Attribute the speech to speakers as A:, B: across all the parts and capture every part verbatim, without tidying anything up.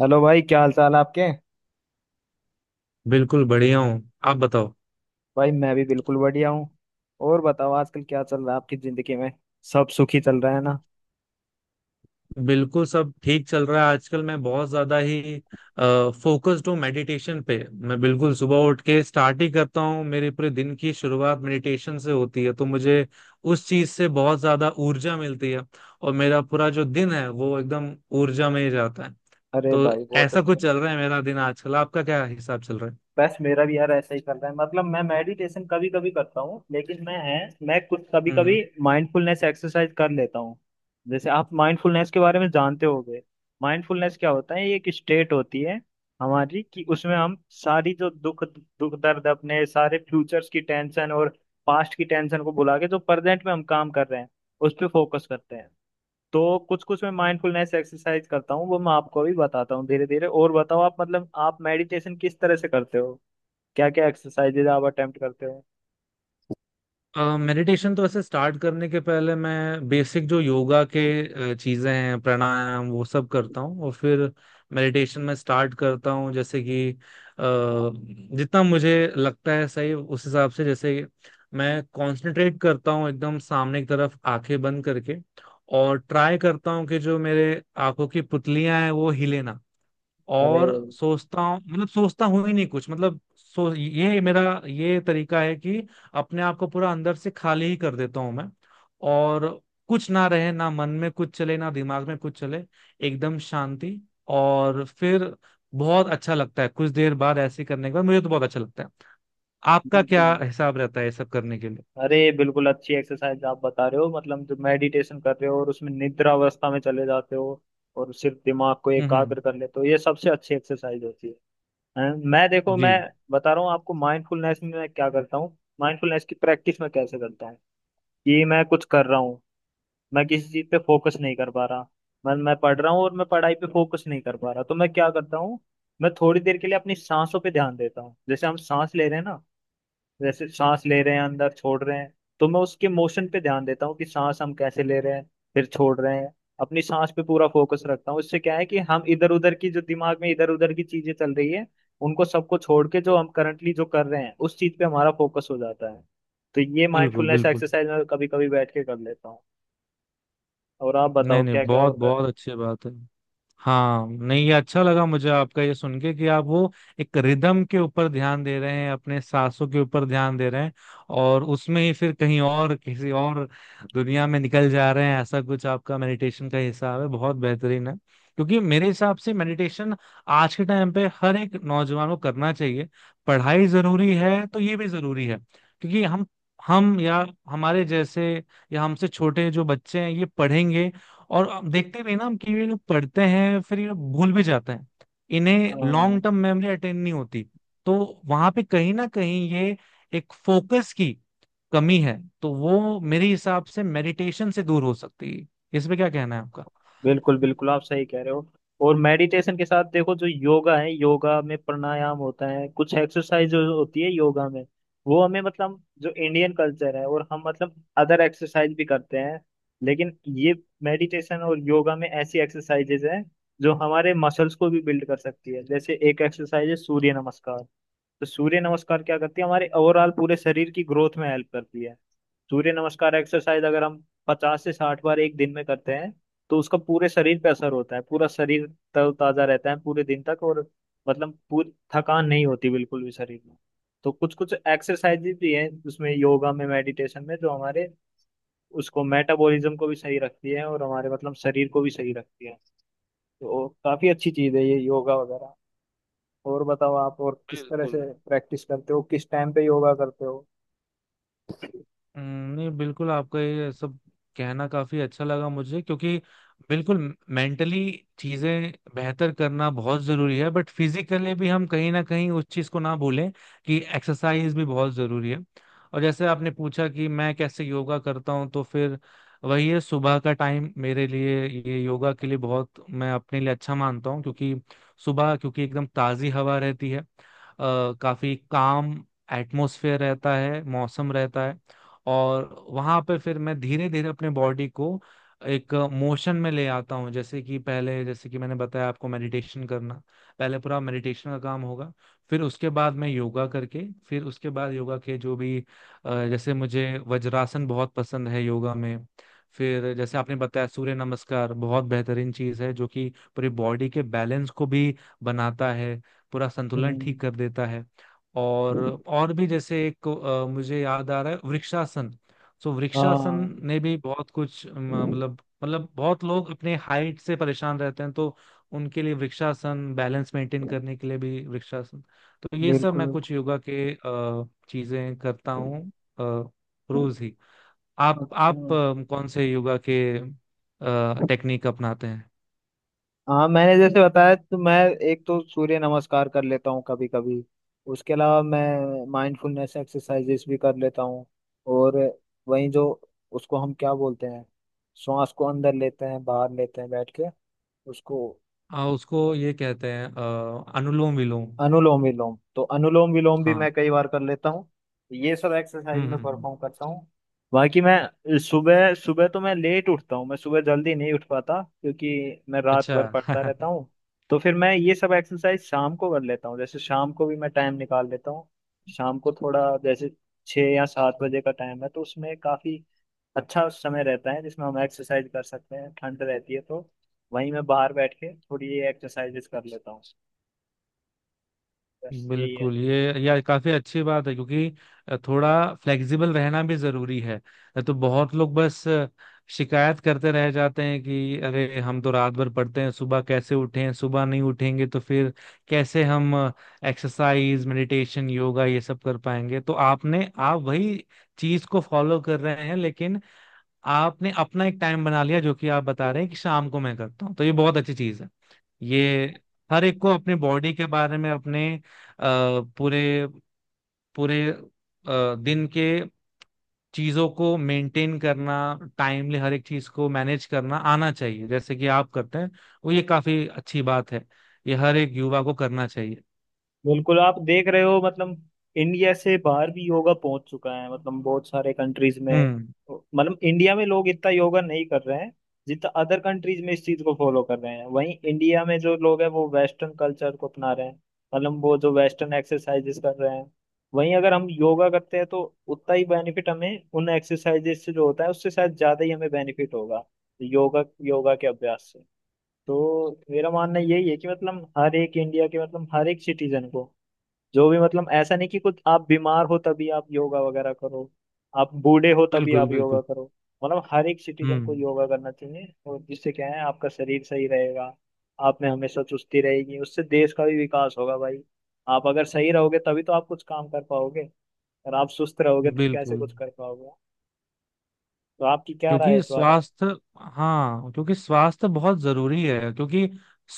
A: Hello भाई, क्या हाल चाल है आपके।
B: बिल्कुल बढ़िया हूँ। आप बताओ।
A: भाई मैं भी बिल्कुल बढ़िया हूँ। और बताओ आजकल क्या चल रहा है आपकी जिंदगी में, सब सुखी चल रहा है ना।
B: बिल्कुल सब ठीक चल रहा है। आजकल मैं बहुत ज्यादा ही फोकस्ड हूँ मेडिटेशन पे। मैं बिल्कुल सुबह उठ के स्टार्ट ही करता हूँ, मेरे पूरे दिन की शुरुआत मेडिटेशन से होती है, तो मुझे उस चीज से बहुत ज्यादा ऊर्जा मिलती है। और मेरा पूरा जो दिन है वो एकदम ऊर्जा में ही जाता है।
A: अरे
B: तो
A: भाई बहुत
B: ऐसा
A: अच्छा।
B: कुछ चल रहा है मेरा दिन आजकल। आपका क्या हिसाब चल रहा है?
A: बस मेरा भी यार ऐसा ही चल रहा है, मतलब मैं मेडिटेशन कभी कभी करता हूँ लेकिन मैं है मैं कुछ कभी
B: हम्म,
A: कभी
B: हम्म।
A: माइंडफुलनेस एक्सरसाइज कर लेता हूँ। जैसे आप माइंडफुलनेस के बारे में जानते होंगे, माइंडफुलनेस क्या होता है, ये एक स्टेट होती है हमारी कि उसमें हम सारी जो दुख दुख दर्द अपने सारे फ्यूचर्स की टेंशन और पास्ट की टेंशन को भुला के जो प्रेजेंट में हम काम कर रहे हैं उस पर फोकस करते हैं। तो कुछ कुछ मैं माइंडफुलनेस एक्सरसाइज करता हूँ, वो मैं आपको भी बताता हूँ धीरे धीरे। और बताओ आप, मतलब आप मेडिटेशन किस तरह से करते हो, क्या क्या एक्सरसाइजेज आप अटेम्प्ट करते हो।
B: मेडिटेशन तो वैसे स्टार्ट करने के पहले मैं बेसिक जो योगा के अ, चीजें हैं, प्राणायाम, वो सब करता हूँ और फिर मेडिटेशन में स्टार्ट करता हूँ। जैसे कि अ, जितना मुझे लगता है सही, उस हिसाब से जैसे मैं कंसंट्रेट करता हूँ एकदम सामने की तरफ आंखें बंद करके, और ट्राई करता हूँ कि जो मेरे आंखों की पुतलियां हैं वो हिले ना।
A: अरे
B: और सोचता हूँ, मतलब सोचता हूँ ही नहीं कुछ, मतलब सो ये मेरा ये तरीका है कि अपने आप को पूरा अंदर से खाली ही कर देता हूँ मैं। और कुछ ना रहे, ना मन में कुछ चले ना दिमाग में कुछ चले, एकदम शांति। और फिर बहुत अच्छा लगता है, कुछ देर बाद ऐसे करने के बाद मुझे तो बहुत अच्छा लगता है। आपका
A: बिल्कुल
B: क्या हिसाब रहता है ये सब करने के लिए?
A: अरे बिल्कुल अच्छी एक्सरसाइज आप बता रहे हो, मतलब जो मेडिटेशन कर रहे हो और उसमें निद्रा अवस्था में चले जाते हो और सिर्फ दिमाग को
B: हम्म, हम्म।
A: एकाग्र कर लेते हो, ये सबसे अच्छी एक्सरसाइज होती है। हैं? मैं देखो,
B: जी।
A: मैं बता रहा हूँ आपको माइंडफुलनेस में मैं क्या करता हूँ, माइंडफुलनेस की प्रैक्टिस में कैसे करता हूँ। कि मैं कुछ कर रहा हूँ, मैं किसी चीज पे फोकस नहीं कर पा रहा, मैं मैं पढ़ रहा हूँ और मैं पढ़ाई पे फोकस नहीं कर पा रहा, तो मैं क्या करता हूँ, मैं थोड़ी देर के लिए अपनी सांसों पे ध्यान देता हूँ। जैसे हम सांस ले रहे हैं ना, जैसे सांस ले रहे हैं, अंदर छोड़ रहे हैं, तो मैं उसके मोशन पे ध्यान देता हूँ कि सांस हम कैसे ले रहे हैं, फिर छोड़ रहे हैं। अपनी सांस पे पूरा फोकस रखता हूँ, इससे क्या है कि हम इधर उधर की जो दिमाग में इधर उधर की चीजें चल रही है उनको सबको छोड़ के जो हम करंटली जो कर रहे हैं उस चीज पे हमारा फोकस हो जाता है। तो ये
B: बिल्कुल,
A: माइंडफुलनेस
B: बिल्कुल।
A: एक्सरसाइज मैं कभी कभी बैठ के कर लेता हूँ। और आप
B: नहीं
A: बताओ
B: नहीं,
A: क्या क्या
B: बहुत
A: और कर
B: बहुत
A: रहे
B: अच्छी बात है। हाँ, नहीं, ये अच्छा लगा मुझे आपका ये सुन के, कि आप वो एक रिदम के ऊपर ध्यान दे रहे हैं, अपने सांसों के ऊपर ध्यान दे रहे हैं, और उसमें ही फिर कहीं और किसी और दुनिया में निकल जा रहे हैं। ऐसा कुछ आपका मेडिटेशन का हिसाब है, बहुत बेहतरीन है। क्योंकि मेरे हिसाब से मेडिटेशन आज के टाइम पे हर एक नौजवान को करना चाहिए। पढ़ाई जरूरी है तो ये भी जरूरी है। क्योंकि हम हम या हमारे जैसे या हमसे छोटे जो बच्चे हैं, ये पढ़ेंगे। और अब देखते भी हैं ना हम, कि ये लोग पढ़ते हैं फिर ये लोग भूल भी जाते हैं, इन्हें
A: हो। हाँ
B: लॉन्ग टर्म मेमोरी अटेंड नहीं होती। तो वहां पे कहीं ना कहीं ये एक फोकस की कमी है, तो वो मेरे हिसाब से मेडिटेशन से दूर हो सकती है। इस पे क्या कहना है आपका?
A: बिल्कुल बिल्कुल, आप सही कह रहे हो। और मेडिटेशन के साथ देखो, जो योगा है, योगा में प्राणायाम होता है, कुछ एक्सरसाइज जो होती है योगा में, वो हमें, मतलब जो इंडियन कल्चर है, और हम, मतलब अदर एक्सरसाइज भी करते हैं, लेकिन ये मेडिटेशन और योगा में ऐसी एक्सरसाइजेज हैं जो हमारे मसल्स को भी बिल्ड कर सकती है। जैसे एक एक्सरसाइज है सूर्य नमस्कार। तो सूर्य नमस्कार क्या करती है, हमारे ओवरऑल पूरे शरीर की ग्रोथ में हेल्प करती है। सूर्य नमस्कार एक्सरसाइज अगर हम पचास से साठ बार एक दिन में करते हैं, तो उसका पूरे शरीर पे असर होता है। पूरा शरीर तरोताजा रहता है पूरे दिन तक और, मतलब पूरी थकान नहीं होती बिल्कुल भी शरीर में। तो कुछ कुछ एक्सरसाइज भी हैं उसमें, योगा में, मेडिटेशन में, जो हमारे उसको मेटाबॉलिज्म को भी सही रखती है और हमारे मतलब शरीर को भी सही रखती है। तो काफी अच्छी चीज है ये योगा वगैरह। और बताओ आप और किस तरह से
B: बिल्कुल।
A: प्रैक्टिस करते हो, किस टाइम पे योगा करते हो।
B: हम्म, नहीं, बिल्कुल आपका ये सब कहना काफी अच्छा लगा मुझे, क्योंकि बिल्कुल मेंटली चीजें बेहतर करना बहुत जरूरी है, बट फिजिकली भी हम कहीं ना कहीं उस चीज को ना भूलें कि एक्सरसाइज भी बहुत जरूरी है। और जैसे आपने पूछा कि मैं कैसे योगा करता हूँ, तो फिर वही है, सुबह का टाइम मेरे लिए ये योगा के लिए बहुत, मैं अपने लिए अच्छा मानता हूँ, क्योंकि सुबह क्योंकि एकदम ताजी हवा रहती है, अ, काफी काम एटमोसफेयर रहता है, मौसम रहता है। और वहां पे फिर मैं धीरे धीरे अपने बॉडी को एक मोशन में ले आता हूँ, जैसे कि पहले जैसे कि मैंने बताया आपको मेडिटेशन करना, पहले पूरा मेडिटेशन का काम होगा, फिर उसके बाद मैं योगा करके, फिर उसके बाद योगा के जो भी अ, जैसे मुझे वज्रासन बहुत पसंद है योगा में। फिर जैसे आपने बताया सूर्य नमस्कार, बहुत बेहतरीन चीज है, जो कि पूरी बॉडी के बैलेंस को भी बनाता है, पूरा संतुलन
A: हम्म,
B: ठीक कर देता है। और और भी जैसे एक अ, मुझे याद आ रहा है, वृक्षासन। सो वृक्षासन
A: हाँ
B: ने भी बहुत कुछ अ, मतलब, मतलब बहुत लोग अपने हाइट से परेशान रहते हैं, तो उनके लिए वृक्षासन, बैलेंस मेंटेन करने के लिए भी वृक्षासन। तो ये सब
A: बिल्कुल
B: मैं
A: बिल्कुल
B: कुछ योगा के अ, चीजें करता हूँ। अ, रोज ही। आप
A: अच्छा।
B: आप अ, कौन से योगा के टेक्निक अपनाते हैं?
A: हाँ मैंने जैसे बताया, तो मैं एक तो सूर्य नमस्कार कर लेता हूँ कभी कभी। उसके अलावा मैं माइंडफुलनेस एक्सरसाइजेस भी कर लेता हूँ। और वहीं जो, उसको हम क्या बोलते हैं, श्वास को अंदर लेते हैं बाहर लेते हैं बैठ के, उसको
B: हाँ, उसको ये कहते हैं अ, अनुलोम विलोम।
A: अनुलोम विलोम। तो अनुलोम विलोम भी
B: हाँ।
A: मैं कई बार कर लेता हूँ। ये सब एक्सरसाइज
B: हम्म,
A: में
B: हम्म, हम्म।
A: परफॉर्म करता हूँ। बाकी मैं सुबह सुबह तो मैं लेट उठता हूँ, मैं सुबह जल्दी नहीं उठ पाता क्योंकि मैं रात
B: अच्छा।
A: भर पढ़ता रहता हूँ। तो फिर मैं ये सब एक्सरसाइज शाम को कर लेता हूँ। जैसे शाम को भी मैं टाइम निकाल लेता हूँ, शाम को थोड़ा जैसे छः या सात बजे का टाइम है तो उसमें काफी अच्छा समय रहता है जिसमें हम एक्सरसाइज कर सकते हैं। ठंड रहती है तो वहीं मैं बाहर बैठ के थोड़ी ये एक्सरसाइजेस कर लेता हूँ। बस यही है।
B: बिल्कुल, ये यार काफी अच्छी बात है, क्योंकि थोड़ा फ्लेक्सिबल रहना भी जरूरी है। तो बहुत लोग बस शिकायत करते रह जाते हैं कि अरे हम तो रात भर पढ़ते हैं, सुबह कैसे उठें, सुबह नहीं उठेंगे तो फिर कैसे हम एक्सरसाइज मेडिटेशन योगा ये सब कर पाएंगे। तो आपने आप वही चीज को फॉलो कर रहे हैं, लेकिन आपने अपना एक टाइम बना लिया, जो कि आप बता रहे हैं कि शाम को मैं करता हूँ, तो ये बहुत अच्छी चीज है। ये हर एक को अपने बॉडी के बारे में, अपने अ, पूरे पूरे अ, दिन के चीजों को मेंटेन करना, टाइमली हर एक चीज को मैनेज करना आना चाहिए, जैसे कि आप करते हैं। वो ये काफी अच्छी बात है, ये हर एक युवा को करना चाहिए।
A: बिल्कुल, आप देख रहे हो, मतलब इंडिया से बाहर भी योगा पहुंच चुका है, मतलब बहुत सारे कंट्रीज में।
B: हम्म।
A: मतलब इंडिया में लोग इतना योगा नहीं कर रहे हैं जितना अदर कंट्रीज में इस चीज को फॉलो कर रहे हैं। वहीं इंडिया में जो लोग हैं वो वेस्टर्न कल्चर को अपना रहे हैं, मतलब वो जो वेस्टर्न एक्सरसाइजेस कर रहे हैं। वहीं अगर हम योगा करते हैं तो उतना ही बेनिफिट हमें, उन एक्सरसाइजेस से जो होता है उससे शायद ज्यादा ही हमें बेनिफिट होगा योगा योगा के अभ्यास से। तो मेरा मानना यही है कि मतलब हर एक इंडिया के, मतलब हर एक सिटीजन को, जो भी, मतलब ऐसा नहीं कि कुछ आप बीमार हो तभी आप योगा वगैरह करो, आप बूढ़े हो तभी
B: बिल्कुल,
A: आप
B: बिल्कुल।
A: योगा करो। मतलब हर एक सिटीजन को
B: हम्म।
A: योगा करना चाहिए, और जिससे क्या है आपका शरीर सही रहेगा, आप में हमेशा चुस्ती रहेगी, उससे देश का भी विकास होगा भाई। आप अगर सही रहोगे तभी तो आप कुछ काम कर पाओगे, और आप सुस्त रहोगे तो कैसे
B: बिल्कुल।
A: कुछ कर पाओगे। तो आपकी क्या राय है
B: क्योंकि
A: इस बारे में।
B: स्वास्थ्य हाँ, क्योंकि स्वास्थ्य बहुत जरूरी है, क्योंकि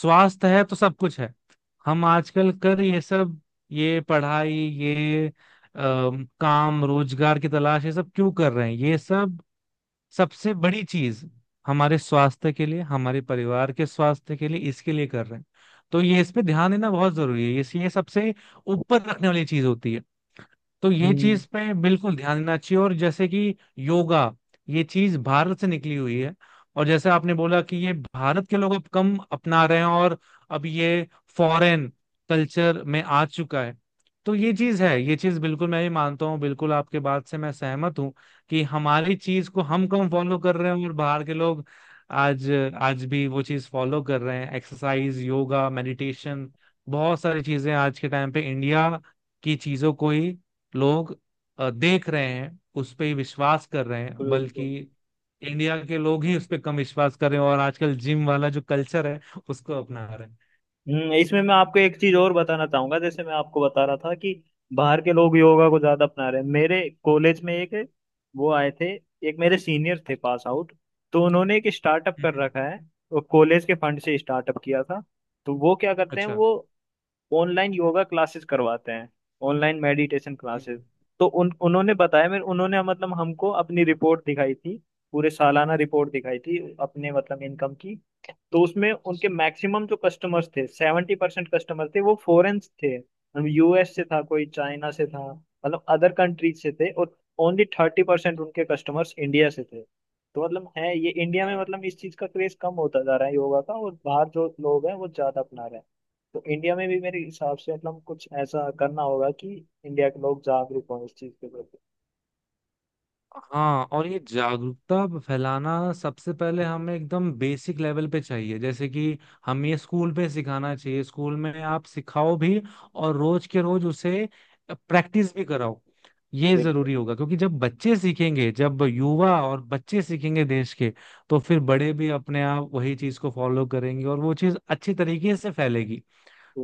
B: स्वास्थ्य है तो सब कुछ है। हम आजकल कर ये सब, ये पढ़ाई, ये अम, काम रोजगार की तलाश, ये सब क्यों कर रहे हैं? ये सब सबसे बड़ी चीज, हमारे स्वास्थ्य के लिए, हमारे परिवार के स्वास्थ्य के लिए, इसके लिए कर रहे हैं। तो ये, इस पे ध्यान देना बहुत जरूरी है, ये ये सबसे ऊपर रखने वाली चीज होती है। तो ये
A: हम्म,
B: चीज पे बिल्कुल ध्यान देना चाहिए। और जैसे कि योगा, ये चीज भारत से निकली हुई है, और जैसे आपने बोला कि ये भारत के लोग अब कम अपना रहे हैं, और अब ये फॉरेन कल्चर में आ चुका है। तो ये चीज है, ये चीज बिल्कुल मैं भी मानता हूँ, बिल्कुल आपके बात से मैं सहमत हूँ, कि हमारी चीज को हम कम फॉलो कर रहे हैं, और बाहर के लोग आज, आज भी वो चीज फॉलो कर रहे हैं, एक्सरसाइज, योगा, मेडिटेशन, बहुत सारी चीजें आज के टाइम पे इंडिया की चीजों को ही लोग अ, देख रहे हैं, उस पे ही विश्वास कर रहे हैं।
A: बिल्कुल
B: बल्कि
A: बिल्कुल।
B: इंडिया के लोग ही उस पे कम विश्वास कर रहे हैं, और आजकल जिम वाला जो कल्चर है उसको अपना रहे हैं।
A: हम्म, इसमें मैं आपको एक चीज और बताना चाहूंगा, जैसे मैं आपको बता रहा था कि बाहर के लोग योगा को ज्यादा अपना रहे हैं। मेरे कॉलेज में एक वो आए थे, एक मेरे सीनियर थे पास आउट, तो उन्होंने एक स्टार्टअप कर
B: हम्म,
A: रखा है। वो कॉलेज के फंड से स्टार्टअप किया था। तो वो क्या करते हैं,
B: अच्छा।
A: वो ऑनलाइन योगा क्लासेस करवाते हैं, ऑनलाइन मेडिटेशन क्लासेस।
B: हम्म,
A: तो उन उन्होंने बताया मेरे, उन्होंने मतलब हमको अपनी रिपोर्ट दिखाई थी, पूरे सालाना रिपोर्ट दिखाई थी अपने मतलब इनकम की। तो उसमें उनके मैक्सिमम जो कस्टमर्स थे, सेवेंटी परसेंट कस्टमर थे वो फॉरेन थे, मतलब यूएस से था कोई, चाइना से था, मतलब अदर कंट्रीज से थे। और ओनली थर्टी परसेंट उनके कस्टमर्स इंडिया से थे। तो मतलब है ये इंडिया में,
B: हम्म।
A: मतलब इस चीज का क्रेज कम होता जा रहा है योगा का, और बाहर जो लोग हैं वो ज्यादा अपना रहे हैं। तो इंडिया में भी मेरे हिसाब से मतलब कुछ ऐसा करना होगा कि इंडिया के लोग जागरूक हों इस चीज के प्रति।
B: हाँ, और ये जागरूकता फैलाना सबसे पहले हमें एकदम बेसिक लेवल पे चाहिए, जैसे कि हमें ये स्कूल पे सिखाना चाहिए, स्कूल में आप सिखाओ भी, और रोज के रोज उसे प्रैक्टिस भी कराओ। ये
A: बिल्कुल,
B: जरूरी होगा, क्योंकि जब बच्चे सीखेंगे, जब युवा और बच्चे सीखेंगे देश के, तो फिर बड़े भी अपने आप वही चीज को फॉलो करेंगे और वो चीज अच्छी तरीके से फैलेगी।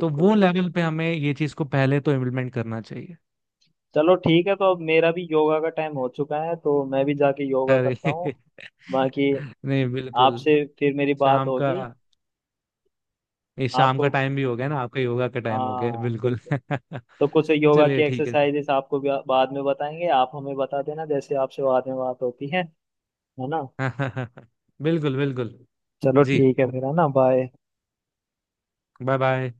B: तो वो
A: बिल्कुल।
B: लेवल पे हमें ये चीज को पहले तो इम्प्लीमेंट करना चाहिए।
A: चलो ठीक है, तो अब मेरा भी योगा का टाइम हो चुका है, तो मैं भी जाके योगा
B: अरे!
A: करता हूँ। बाकी
B: नहीं, बिल्कुल।
A: आपसे फिर मेरी बात
B: शाम का
A: होगी।
B: ये शाम का
A: आपको,
B: टाइम भी हो गया ना, आपका योगा का टाइम हो गया,
A: हाँ
B: बिल्कुल।
A: बिल्कुल। तो कुछ योगा की
B: चलिए, ठीक है।
A: एक्सरसाइजेस आपको भी बाद में बताएंगे, आप हमें बता देना जैसे आपसे बाद में बात होती है है ना।
B: बिल्कुल, बिल्कुल।
A: चलो
B: जी।
A: ठीक है फिर, है ना, बाय।
B: Bye bye.